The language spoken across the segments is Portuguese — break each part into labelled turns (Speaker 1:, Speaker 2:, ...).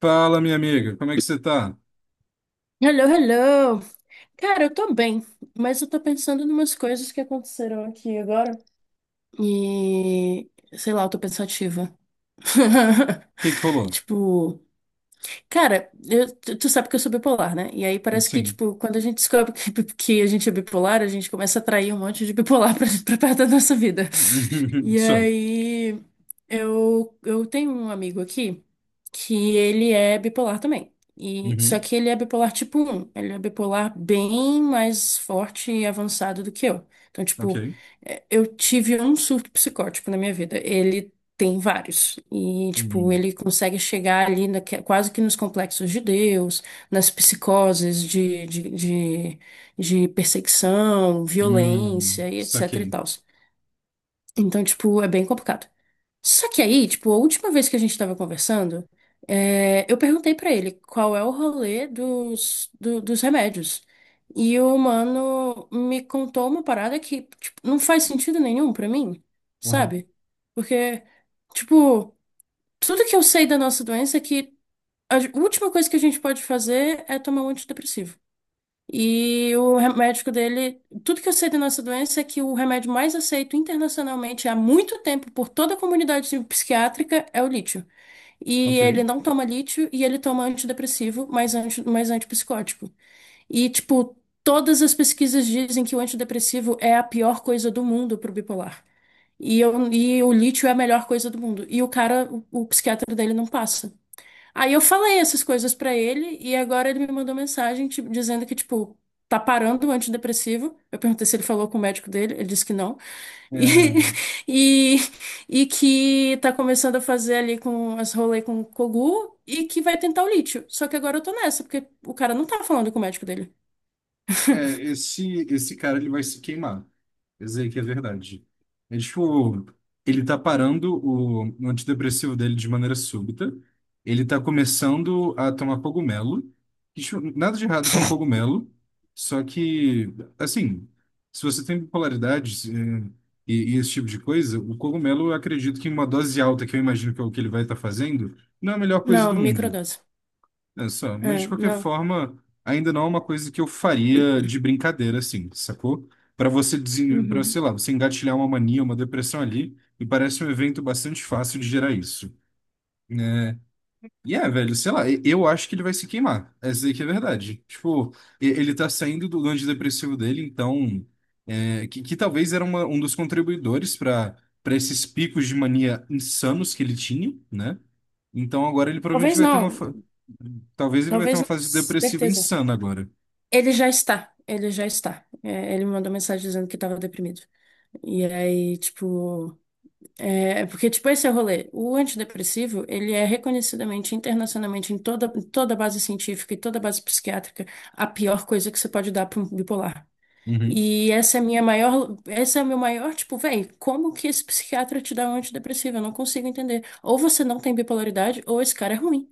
Speaker 1: Fala, minha amiga, como é que você tá? O
Speaker 2: Hello, hello! Cara, eu tô bem, mas eu tô pensando em umas coisas que aconteceram aqui agora e sei lá, eu tô pensativa.
Speaker 1: que que rolou?
Speaker 2: Tipo, cara, tu sabe que eu sou bipolar, né? E aí parece que,
Speaker 1: Sim.
Speaker 2: tipo, quando a gente descobre que a gente é bipolar, a gente começa a atrair um monte de bipolar pra perto da nossa vida. E
Speaker 1: So.
Speaker 2: aí eu tenho um amigo aqui que ele é bipolar também. E, só
Speaker 1: Uhum.
Speaker 2: que ele é bipolar tipo um. Ele é bipolar bem mais forte e avançado do que eu. Então, tipo,
Speaker 1: Ok.
Speaker 2: é, eu tive um surto psicótico na minha vida. Ele tem vários. E, tipo,
Speaker 1: Uhum.
Speaker 2: ele consegue chegar ali quase que nos complexos de Deus, nas psicoses de perseguição, violência e etc e
Speaker 1: Saquei.
Speaker 2: tal. Então, tipo, é bem complicado. Só que aí, tipo, a última vez que a gente tava conversando, é, eu perguntei pra ele qual é o rolê dos remédios. E o mano me contou uma parada que, tipo, não faz sentido nenhum pra mim,
Speaker 1: Uhum.
Speaker 2: sabe? Porque, tipo. Tudo que eu sei da nossa doença é que última coisa que a gente pode fazer é tomar um antidepressivo. E o remédio dele, tudo que eu sei da nossa doença é que o remédio mais aceito internacionalmente há muito tempo por toda a comunidade psiquiátrica é o lítio. E
Speaker 1: Ok.
Speaker 2: ele não toma lítio e ele toma antidepressivo, mas, antipsicótico. E, tipo, todas as pesquisas dizem que o antidepressivo é a pior coisa do mundo pro bipolar. E, e o lítio é a melhor coisa do mundo. E o cara, o psiquiatra dele não passa. Aí eu falei essas coisas pra ele e agora ele me mandou mensagem tipo, dizendo que, tipo, tá parando o antidepressivo. Eu perguntei se ele falou com o médico dele, ele disse que não. E,
Speaker 1: É,
Speaker 2: e, e que tá começando a fazer ali com as rolê com o Kogu e que vai tentar o lítio. Só que agora eu tô nessa, porque o cara não tá falando com o médico dele.
Speaker 1: É, esse, esse cara ele vai se queimar. Isso aí que é verdade. É tipo, ele tá parando o antidepressivo dele de maneira súbita. Ele tá começando a tomar cogumelo. Que, tipo, nada de errado com cogumelo. Só que, assim, se você tem bipolaridade se- e esse tipo de coisa, o cogumelo, eu acredito que em uma dose alta, que eu imagino que é o que ele vai estar fazendo, não é a melhor coisa
Speaker 2: Não,
Speaker 1: do mundo.
Speaker 2: microdose.
Speaker 1: É só, mas de
Speaker 2: É,
Speaker 1: qualquer
Speaker 2: não.
Speaker 1: forma, ainda não é uma coisa que eu faria de brincadeira, assim, sacou? Para pra,
Speaker 2: Uhum.
Speaker 1: sei lá, você engatilhar uma mania, uma depressão ali, me parece um evento bastante fácil de gerar isso. E é, velho, sei lá, eu acho que ele vai se queimar. Essa aí que é a verdade. Tipo, ele tá saindo do antidepressivo dele, então. É, que talvez era um dos contribuidores para para esses picos de mania insanos que ele tinha, né? Então agora ele provavelmente
Speaker 2: Talvez
Speaker 1: vai ter uma.
Speaker 2: não,
Speaker 1: fa- Talvez ele vai ter
Speaker 2: talvez
Speaker 1: uma
Speaker 2: não,
Speaker 1: fase depressiva
Speaker 2: certeza.
Speaker 1: insana agora.
Speaker 2: Ele já está, ele já está. É, ele me mandou mensagem dizendo que estava deprimido. E aí, tipo, é porque tipo esse é o rolê. O antidepressivo, ele é reconhecidamente internacionalmente em toda base científica e toda base psiquiátrica a pior coisa que você pode dar para um bipolar.
Speaker 1: Uhum.
Speaker 2: E essa é a minha maior, esse é o meu maior, tipo, véi, como que esse psiquiatra te dá um antidepressivo? Eu não consigo entender. Ou você não tem bipolaridade, ou esse cara é ruim.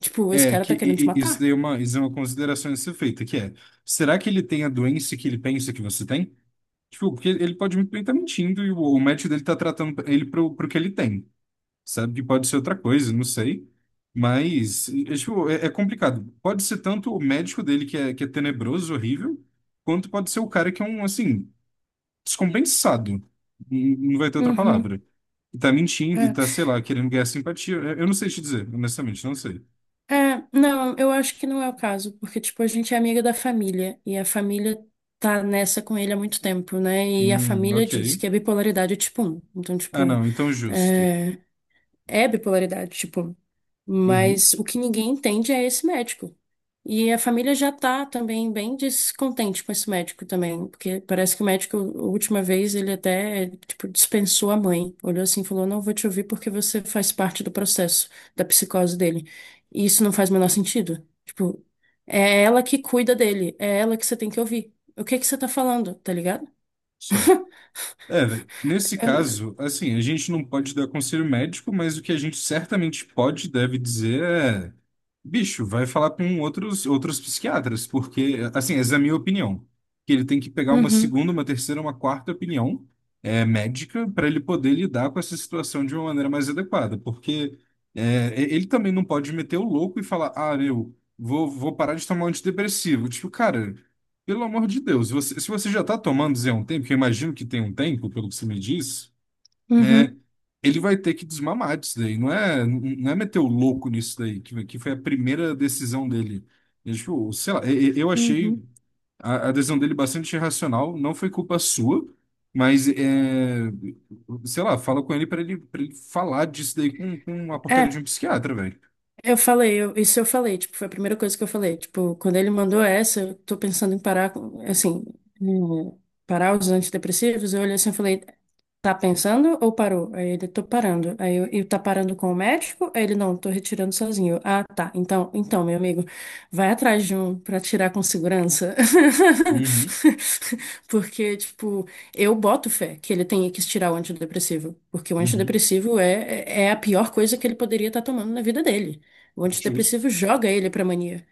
Speaker 2: Tipo, esse
Speaker 1: É,
Speaker 2: cara
Speaker 1: que
Speaker 2: tá querendo te
Speaker 1: isso
Speaker 2: matar.
Speaker 1: daí é uma, isso é uma consideração a ser feita, que é, será que ele tem a doença que ele pensa que você tem? Tipo, porque ele pode muito bem estar mentindo e o match dele tá tratando ele pro que ele tem, sabe? Que pode ser outra coisa, não sei. Mas, é, tipo, é, é complicado. Pode ser tanto o médico dele que é tenebroso, horrível, quanto pode ser o cara que é um, assim, descompensado. Não vai ter outra
Speaker 2: Uhum,
Speaker 1: palavra. E tá mentindo e
Speaker 2: é.
Speaker 1: tá, sei lá, querendo ganhar simpatia. Eu não sei te dizer, honestamente, não sei.
Speaker 2: É, não, eu acho que não é o caso, porque, tipo, a gente é amiga da família, e a família tá nessa com ele há muito tempo, né? E a família
Speaker 1: Ok.
Speaker 2: diz que a bipolaridade é tipo um. Então,
Speaker 1: Ah,
Speaker 2: tipo,
Speaker 1: não, então justo.
Speaker 2: é, é bipolaridade, tipo,
Speaker 1: Uhum,
Speaker 2: mas o que ninguém entende é esse médico. E a família já tá também bem descontente com esse médico também, porque parece que o médico, a última vez, ele até, tipo, dispensou a mãe. Olhou assim e falou: não vou te ouvir porque você faz parte do processo da psicose dele. E isso não faz o menor sentido. Tipo, é ela que cuida dele, é ela que você tem que ouvir. O que que você tá falando, tá ligado?
Speaker 1: só. É, velho, nesse
Speaker 2: Eu-
Speaker 1: caso, assim, a gente não pode dar conselho médico, mas o que a gente certamente pode e deve dizer é, bicho, vai falar com outros psiquiatras, porque, assim, essa é a minha opinião, que ele tem que pegar uma
Speaker 2: Uhum,
Speaker 1: segunda, uma terceira, uma quarta opinião é, médica, para ele poder lidar com essa situação de uma maneira mais adequada, porque é, ele também não pode meter o louco e falar, ah, meu, vou parar de tomar antidepressivo. Tipo, cara, pelo amor de Deus, se você já está tomando Zé um tempo, que eu imagino que tem um tempo, pelo que você me diz, é,
Speaker 2: uhum,
Speaker 1: ele vai ter que desmamar disso daí. Não é, não é meter o louco nisso daí, que foi a primeira decisão dele. Eu, tipo, sei lá, eu achei
Speaker 2: uhum.
Speaker 1: a decisão dele bastante irracional, não foi culpa sua, mas, é, sei lá, fala com ele para ele, para ele falar disso daí com a porcaria de
Speaker 2: É.
Speaker 1: um psiquiatra, velho.
Speaker 2: Eu falei, isso eu falei, tipo, foi a primeira coisa que eu falei. Tipo, quando ele mandou essa, eu tô pensando em parar, assim, hum, parar os antidepressivos, eu olhei assim e falei, tá pensando ou parou? Aí ele, tô parando. Aí eu, e tá parando com o médico? Aí ele, não, tô retirando sozinho. Eu, ah, tá. Então, então, meu amigo, vai atrás de um pra tirar com segurança.
Speaker 1: Uhum,
Speaker 2: Porque, tipo, eu boto fé que ele tenha que tirar o antidepressivo. Porque o
Speaker 1: uhum,
Speaker 2: antidepressivo é é a pior coisa que ele poderia estar tomando na vida dele. O
Speaker 1: justo.
Speaker 2: antidepressivo joga ele pra mania.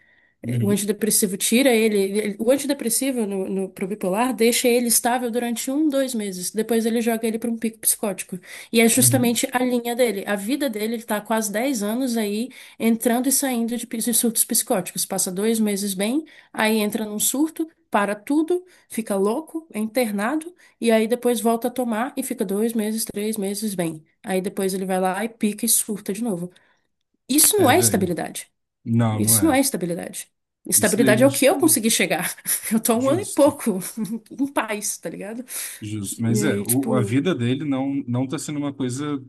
Speaker 2: O
Speaker 1: Uhum,
Speaker 2: antidepressivo tira ele, o antidepressivo no, no, pro bipolar deixa ele estável durante um, 2 meses. Depois ele joga ele para um pico psicótico. E é
Speaker 1: uhum.
Speaker 2: justamente a linha dele. A vida dele, ele tá há quase 10 anos aí entrando e saindo de, de surtos psicóticos. Passa 2 meses bem, aí entra num surto, para tudo, fica louco, é internado, e aí depois volta a tomar e fica 2 meses, 3 meses bem. Aí depois ele vai lá e pica e surta de novo. Isso não
Speaker 1: É,
Speaker 2: é
Speaker 1: velho.
Speaker 2: estabilidade.
Speaker 1: Não, não
Speaker 2: Isso não é
Speaker 1: é.
Speaker 2: estabilidade.
Speaker 1: Isso
Speaker 2: Estabilidade
Speaker 1: daí,
Speaker 2: é o que eu
Speaker 1: tipo,
Speaker 2: consegui chegar. Eu tô há um ano e
Speaker 1: justo,
Speaker 2: pouco em paz, tá ligado?
Speaker 1: justo.
Speaker 2: E
Speaker 1: Mas é,
Speaker 2: aí,
Speaker 1: o, a
Speaker 2: tipo,
Speaker 1: vida dele não, não tá sendo uma coisa,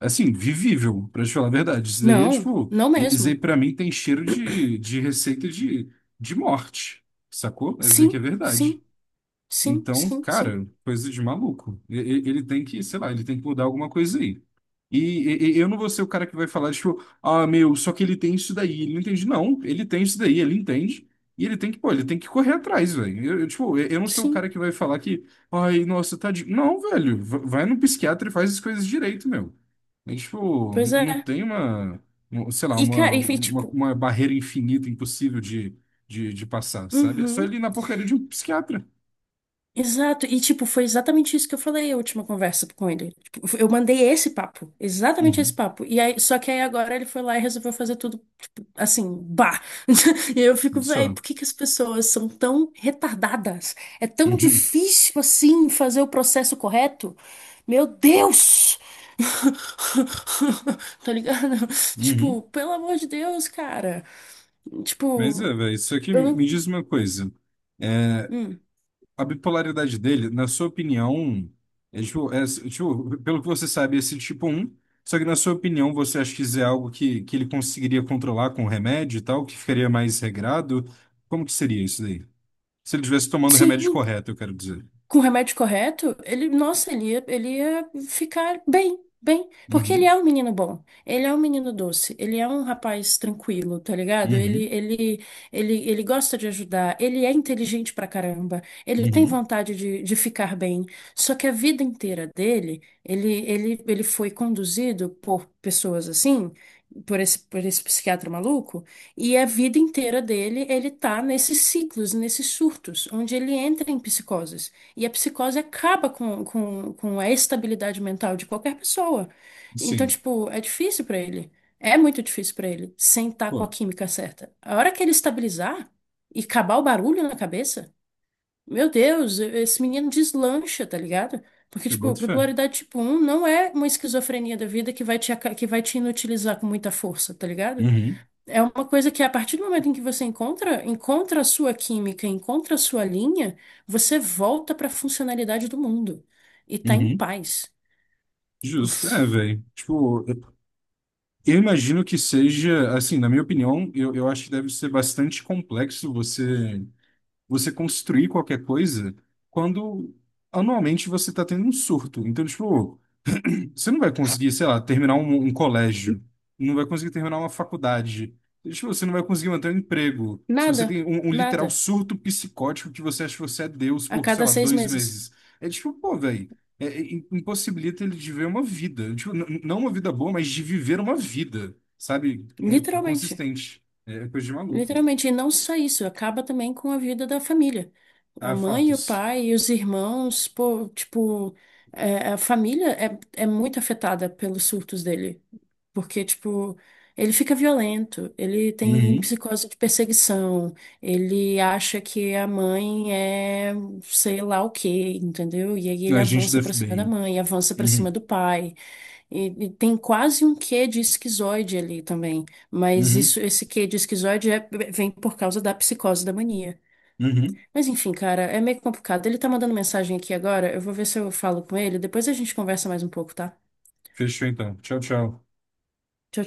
Speaker 1: assim, vivível, pra te falar a verdade. Isso daí é,
Speaker 2: não,
Speaker 1: tipo,
Speaker 2: não
Speaker 1: isso aí
Speaker 2: mesmo.
Speaker 1: pra mim tem cheiro de receita de morte, sacou? Mas isso aí que é
Speaker 2: Sim,
Speaker 1: verdade.
Speaker 2: sim, sim,
Speaker 1: Então,
Speaker 2: sim, sim,
Speaker 1: cara, coisa de maluco. Ele tem que, sei lá, ele tem que mudar alguma coisa aí. E, e eu não vou ser o cara que vai falar, tipo, ah, meu, só que ele tem isso daí. Ele não entende. Não, ele tem isso daí, ele entende. E ele tem que, pô, ele tem que correr atrás, velho. Eu, tipo, eu não sou o cara
Speaker 2: sim.
Speaker 1: que vai falar que, ai, nossa, tadinho. Não, velho, vai no psiquiatra e faz as coisas direito, meu. É, tipo,
Speaker 2: Pois é.
Speaker 1: não tem uma, sei lá,
Speaker 2: E, cara, enfim, tipo,
Speaker 1: uma barreira infinita, impossível de passar, sabe? É só
Speaker 2: uhum.
Speaker 1: ele ir na porcaria de um psiquiatra.
Speaker 2: Exato, e tipo, foi exatamente isso que eu falei a última conversa com ele. Tipo, eu mandei esse papo, exatamente esse
Speaker 1: Uhum.
Speaker 2: papo. E aí, só que aí agora ele foi lá e resolveu fazer tudo, tipo, assim, bah. E eu fico, véi,
Speaker 1: Só.
Speaker 2: por que que as pessoas são tão retardadas? É tão
Speaker 1: Uhum,
Speaker 2: difícil assim fazer o processo correto? Meu Deus! Tá ligado? Tipo,
Speaker 1: uhum.
Speaker 2: pelo amor de Deus, cara.
Speaker 1: Mas é,
Speaker 2: Tipo,
Speaker 1: velho, isso aqui
Speaker 2: eu
Speaker 1: me
Speaker 2: não.
Speaker 1: diz uma coisa. É,
Speaker 2: Hum.
Speaker 1: a bipolaridade dele, na sua opinião, é, tipo, pelo que você sabe, é esse tipo um. Só que na sua opinião, você acha que isso é algo que ele conseguiria controlar com remédio e tal, que ficaria mais regrado? Como que seria isso daí? Se ele estivesse tomando o remédio
Speaker 2: Sim.
Speaker 1: correto, eu quero dizer.
Speaker 2: Com o remédio correto, ele, nossa, ele ia ficar bem, bem, porque ele é
Speaker 1: Uhum,
Speaker 2: um menino bom, ele é um menino doce, ele é um rapaz tranquilo, tá ligado? Ele,
Speaker 1: uhum,
Speaker 2: ele, ele, ele gosta de ajudar, ele é inteligente pra caramba, ele tem
Speaker 1: uhum.
Speaker 2: vontade de ficar bem, só que a vida inteira dele, ele foi conduzido por pessoas assim, por esse psiquiatra maluco, e a vida inteira dele, ele tá nesses ciclos, nesses surtos, onde ele entra em psicoses. E a psicose acaba com a estabilidade mental de qualquer pessoa. Então,
Speaker 1: Sim.
Speaker 2: tipo, é difícil pra ele. É muito difícil pra ele, sentar com a
Speaker 1: Pô,
Speaker 2: química certa. A hora que ele estabilizar e acabar o barulho na cabeça, meu Deus, esse menino deslancha, tá ligado? Porque,
Speaker 1: eu
Speaker 2: tipo,
Speaker 1: boto fé.
Speaker 2: bipolaridade tipo um não é uma esquizofrenia da vida que vai te, que vai te inutilizar com muita força, tá ligado?
Speaker 1: Uhum,
Speaker 2: É uma coisa que a partir do momento em que você encontra, encontra a sua química, encontra a sua linha, você volta para a funcionalidade do mundo e tá em
Speaker 1: uhum.
Speaker 2: paz.
Speaker 1: Justo. É, velho. Tipo, eu imagino que seja, assim, na minha opinião, eu acho que deve ser bastante complexo você você construir qualquer coisa quando anualmente você está tendo um surto. Então, tipo, você não vai conseguir, sei lá, terminar um colégio, não vai conseguir terminar uma faculdade. Tipo, você não vai conseguir manter um emprego. Se você
Speaker 2: Nada,
Speaker 1: tem um literal
Speaker 2: nada.
Speaker 1: surto psicótico que você acha que você é Deus
Speaker 2: A
Speaker 1: por, sei
Speaker 2: cada
Speaker 1: lá,
Speaker 2: seis
Speaker 1: dois
Speaker 2: meses.
Speaker 1: meses. É tipo, pô, velho, é, é, impossibilita ele de ver uma vida. Tipo, não uma vida boa, mas de viver uma vida, sabe? É
Speaker 2: Literalmente.
Speaker 1: consistente. É é coisa de maluco.
Speaker 2: Literalmente. E não só isso, acaba também com a vida da família. A
Speaker 1: Ah,
Speaker 2: mãe, o
Speaker 1: fatos.
Speaker 2: pai, os irmãos, pô, tipo, é, a família é muito afetada pelos surtos dele. Porque, tipo, ele fica violento, ele tem
Speaker 1: Uhum.
Speaker 2: psicose de perseguição, ele acha que a mãe é sei lá o quê, entendeu? E aí ele
Speaker 1: A gente da
Speaker 2: avança pra cima da
Speaker 1: FBI.
Speaker 2: mãe, avança pra cima
Speaker 1: Uhum.
Speaker 2: do pai. E tem quase um quê de esquizoide ali também. Mas
Speaker 1: Uhum.
Speaker 2: isso, esse quê de esquizoide vem por causa da psicose da mania.
Speaker 1: Uhum.
Speaker 2: Mas enfim, cara, é meio complicado. Ele tá mandando mensagem aqui agora, eu vou ver se eu falo com ele, depois a gente conversa mais um pouco, tá?
Speaker 1: Fechou então. Tchau, tchau.
Speaker 2: Tchau.